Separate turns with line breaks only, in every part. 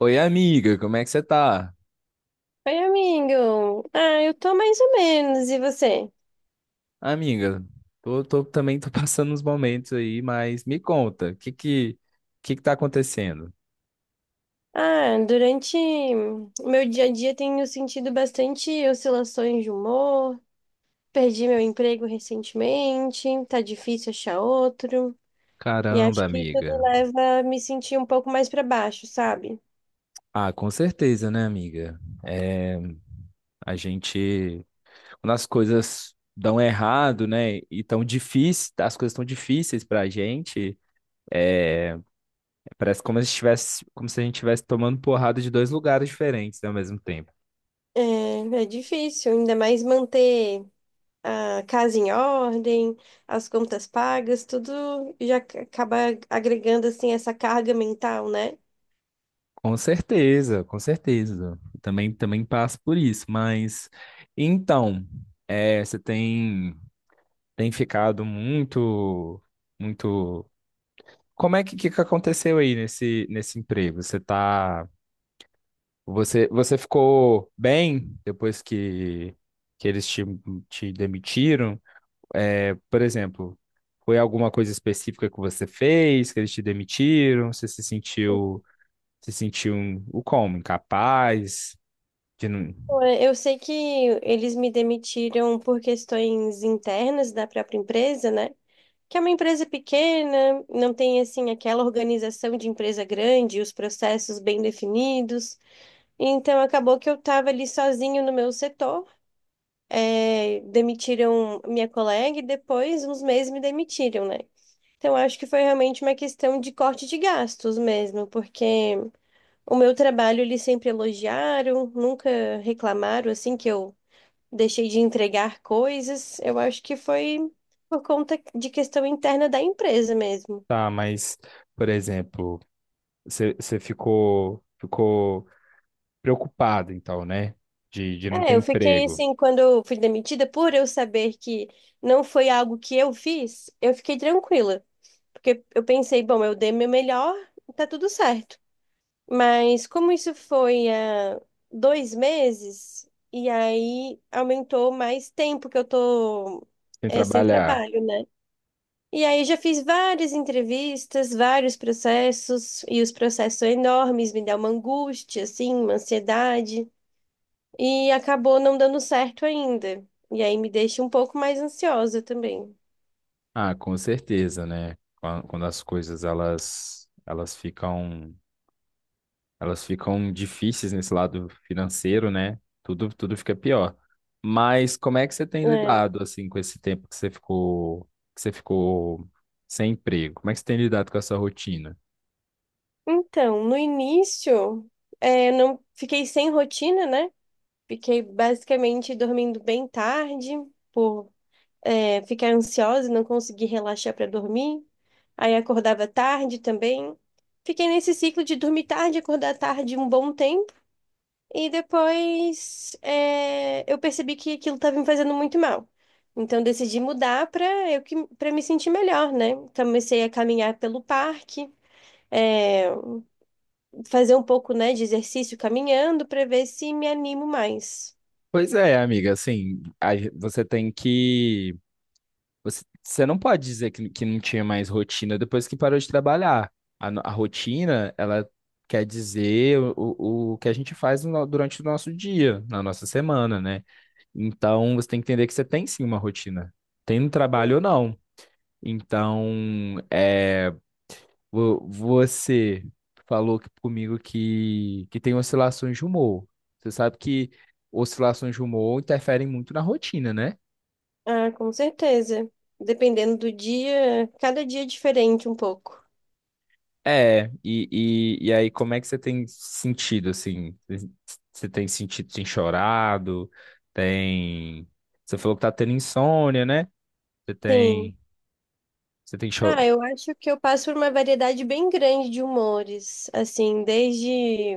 Oi, amiga, como é que você tá?
Oi, amigo. Eu tô mais ou menos. E você?
Amiga, também tô passando uns momentos aí, mas me conta, o que que tá acontecendo?
Ah, durante o meu dia a dia tenho sentido bastante oscilações de humor. Perdi meu emprego recentemente, tá difícil achar outro. E acho
Caramba,
que tudo
amiga.
leva a me sentir um pouco mais pra baixo, sabe?
Ah, com certeza, né, amiga? É, a gente, quando as coisas dão errado, né, e tão difícil, as coisas tão difíceis pra gente, é, parece como se estivesse, como se a gente estivesse tomando porrada de dois lugares diferentes, né, ao mesmo tempo.
É, é difícil, ainda mais manter a casa em ordem, as contas pagas, tudo já acaba agregando assim essa carga mental, né?
Com certeza, com certeza. Também, também passo por isso. Mas então, você tem ficado muito, muito. Como é que que aconteceu aí nesse emprego? Você tá, você ficou bem depois que que eles te demitiram? É, por exemplo, foi alguma coisa específica que você fez que eles te demitiram? Você se sentiu o como? Incapaz? De não...
Pô, eu sei que eles me demitiram por questões internas da própria empresa, né? Que é uma empresa pequena, não tem assim aquela organização de empresa grande, os processos bem definidos. Então acabou que eu estava ali sozinho no meu setor. É, demitiram minha colega e depois, uns meses, me demitiram, né? Então acho que foi realmente uma questão de corte de gastos mesmo, porque o meu trabalho eles sempre elogiaram, nunca reclamaram assim que eu deixei de entregar coisas. Eu acho que foi por conta de questão interna da empresa mesmo.
Tá, mas, por exemplo, você ficou, ficou preocupado, então, né? De não ter
É, eu fiquei
emprego,
assim, quando eu fui demitida, por eu saber que não foi algo que eu fiz, eu fiquei tranquila. Porque eu pensei, bom, eu dei meu melhor, tá tudo certo. Mas como isso foi há 2 meses, e aí aumentou mais tempo que eu tô,
sem
sem
trabalhar.
trabalho, né? E aí já fiz várias entrevistas, vários processos, e os processos são enormes, me dá uma angústia, assim, uma ansiedade, e acabou não dando certo ainda. E aí me deixa um pouco mais ansiosa também.
Ah, com certeza, né? Quando as coisas, elas, elas ficam difíceis nesse lado financeiro, né? Tudo, tudo fica pior. Mas como é que você tem
É.
lidado, assim, com esse tempo que você ficou sem emprego? Como é que você tem lidado com essa rotina?
Então, no início, eu não fiquei sem rotina, né? Fiquei basicamente dormindo bem tarde, por ficar ansiosa e não conseguir relaxar para dormir. Aí acordava tarde também. Fiquei nesse ciclo de dormir tarde, acordar tarde um bom tempo. E depois eu percebi que aquilo estava me fazendo muito mal. Então decidi mudar para eu que para me sentir melhor, né? Comecei a caminhar pelo parque, é, fazer um pouco, né, de exercício caminhando para ver se me animo mais.
Pois é, amiga, assim, a você tem que. Você, você não pode dizer que não tinha mais rotina depois que parou de trabalhar. A, no- A rotina, ela quer dizer o que a gente faz durante o nosso dia, na nossa semana, né? Então, você tem que entender que você tem sim uma rotina, tem no trabalho ou não. Então, eh, Você comigo que tem oscilações de humor. Você sabe que oscilações de humor interferem muito na rotina, né?
Ah, com certeza. Dependendo do dia, cada dia é diferente um pouco.
É, e, e aí como é que você tem sentido, assim? Você tem sentido, tem chorado, tem... Você falou que tá tendo insônia, né? Você
Sim.
tem... Você tem cho...
Ah, eu acho que eu passo por uma variedade bem grande de humores, assim, desde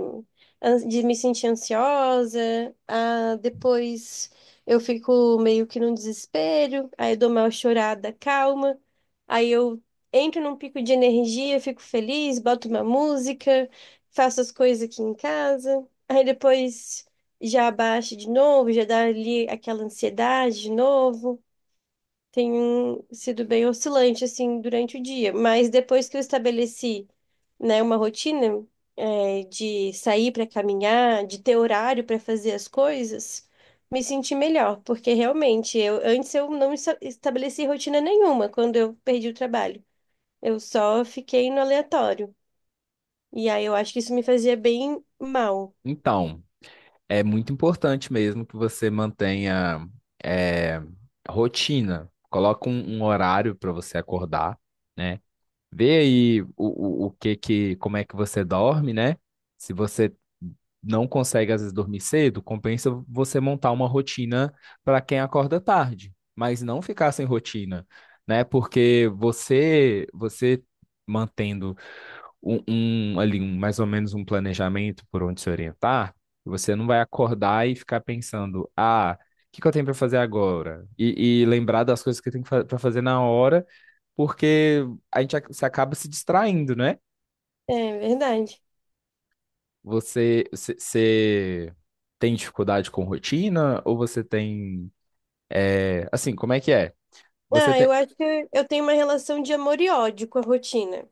de me sentir ansiosa, a depois eu fico meio que num desespero, aí eu dou uma chorada calma, aí eu entro num pico de energia, fico feliz, boto uma música, faço as coisas aqui em casa, aí depois já abaixo de novo, já dá ali aquela ansiedade de novo, tem sido bem oscilante assim durante o dia. Mas depois que eu estabeleci, né, uma rotina, de sair para caminhar, de ter horário para fazer as coisas, me senti melhor, porque realmente eu antes eu não estabeleci rotina nenhuma quando eu perdi o trabalho. Eu só fiquei no aleatório. E aí eu acho que isso me fazia bem mal.
Então, é muito importante mesmo que você mantenha é, rotina. Coloca um, um horário para você acordar, né? Vê aí o que que, como é que você dorme, né? Se você não consegue às vezes dormir cedo, compensa você montar uma rotina para quem acorda tarde, mas não ficar sem rotina, né? Porque você mantendo um, ali um, mais ou menos um planejamento por onde se orientar, você não vai acordar e ficar pensando, ah, o que que eu tenho para fazer agora? E lembrar das coisas que tem para fazer na hora, porque você acaba se distraindo, né?
É verdade.
Você, você tem dificuldade com rotina ou você tem, é, assim, como é que é? Você
Ah, eu
tem,
acho que eu tenho uma relação de amor e ódio com a rotina,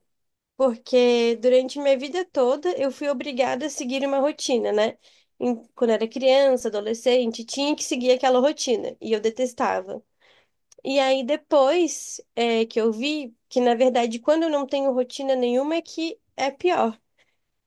porque durante minha vida toda eu fui obrigada a seguir uma rotina, né? Quando era criança, adolescente, tinha que seguir aquela rotina e eu detestava. E aí depois que eu vi que, na verdade, quando eu não tenho rotina nenhuma é que é pior.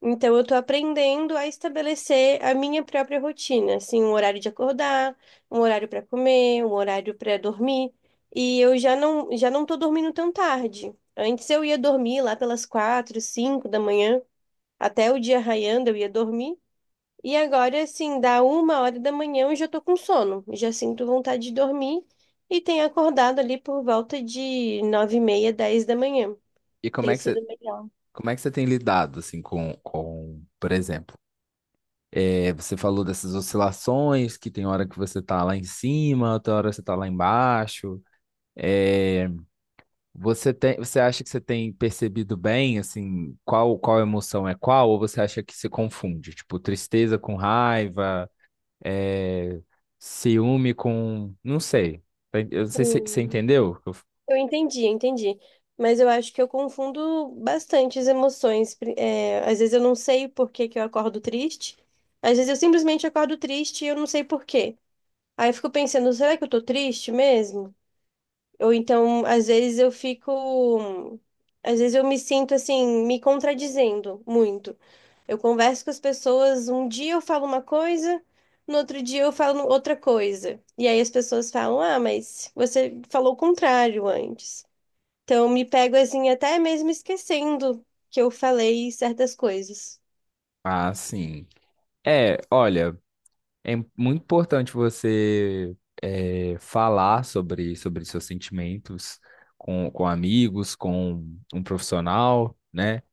Então, eu tô aprendendo a estabelecer a minha própria rotina, assim, um horário de acordar, um horário para comer, um horário para dormir. E eu já não tô dormindo tão tarde. Antes eu ia dormir lá pelas 4, 5 da manhã, até o dia raiando eu ia dormir. E agora, assim, dá 1 hora da manhã eu já tô com sono, já sinto vontade de dormir e tenho acordado ali por volta de 9h30, 10 da manhã.
e
Tem sido melhor.
como é que você tem lidado assim com, por exemplo? É, você falou dessas oscilações, que tem hora que você tá lá em cima, outra hora você tá lá embaixo. É, você tem, você acha que você tem percebido bem, assim, qual emoção é qual, ou você acha que se confunde? Tipo, tristeza com raiva, é, ciúme com, não sei. Eu não sei se você entendeu?
Eu entendi. Mas eu acho que eu confundo bastante as emoções. Às vezes eu não sei por que que eu acordo triste. Às vezes eu simplesmente acordo triste e eu não sei por quê. Aí eu fico pensando, será que eu tô triste mesmo? Ou então, às vezes eu fico. Às vezes eu me sinto assim, me contradizendo muito. Eu converso com as pessoas, um dia eu falo uma coisa, no outro dia eu falo outra coisa. E aí as pessoas falam, ah, mas você falou o contrário antes. Então, me pego assim, até mesmo esquecendo que eu falei certas coisas.
Ah, sim. É, olha. É muito importante você falar sobre, sobre seus sentimentos com amigos, com um profissional, né?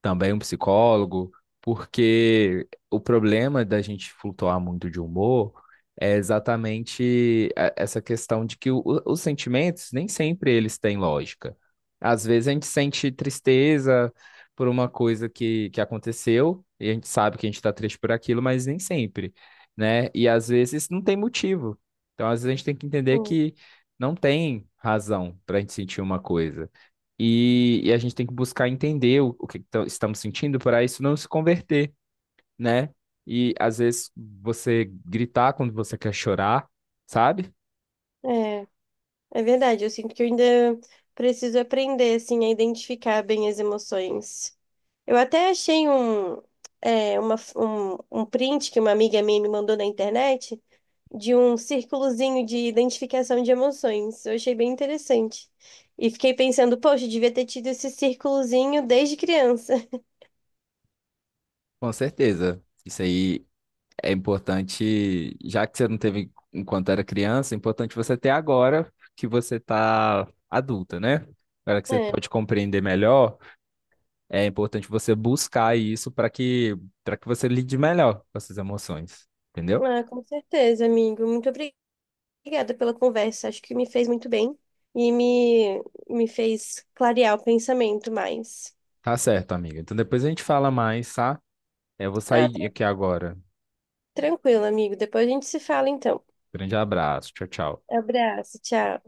Também um psicólogo, porque o problema da gente flutuar muito de humor é exatamente essa questão de que os sentimentos nem sempre eles têm lógica. Às vezes a gente sente tristeza por uma coisa que aconteceu e a gente sabe que a gente está triste por aquilo, mas nem sempre, né? E às vezes não tem motivo. Então, às vezes a gente tem que entender
Hum.
que não tem razão para a gente sentir uma coisa. E a gente tem que buscar entender o que que estamos sentindo para isso não se converter, né? E às vezes você gritar quando você quer chorar, sabe?
É, é verdade. Eu sinto que eu ainda preciso aprender, assim, a identificar bem as emoções. Eu até achei um print que uma amiga minha me mandou na internet, de um círculozinho de identificação de emoções. Eu achei bem interessante. E fiquei pensando, poxa, eu devia ter tido esse círculozinho desde criança.
Com certeza. Isso aí é importante, já que você não teve enquanto era criança, é importante você ter agora que você tá adulta, né? Agora que você
É.
pode compreender melhor, é importante você buscar isso para que você lide melhor com essas emoções, entendeu?
Ah, com certeza, amigo. Muito obrigada. Obrigada pela conversa, acho que me fez muito bem e me, me fez clarear o pensamento mais.
Tá certo, amiga. Então depois a gente fala mais, tá? É, eu vou
Ah,
sair aqui agora.
tranquilo, amigo. Depois a gente se fala então.
Grande abraço. Tchau, tchau.
Abraço, tchau.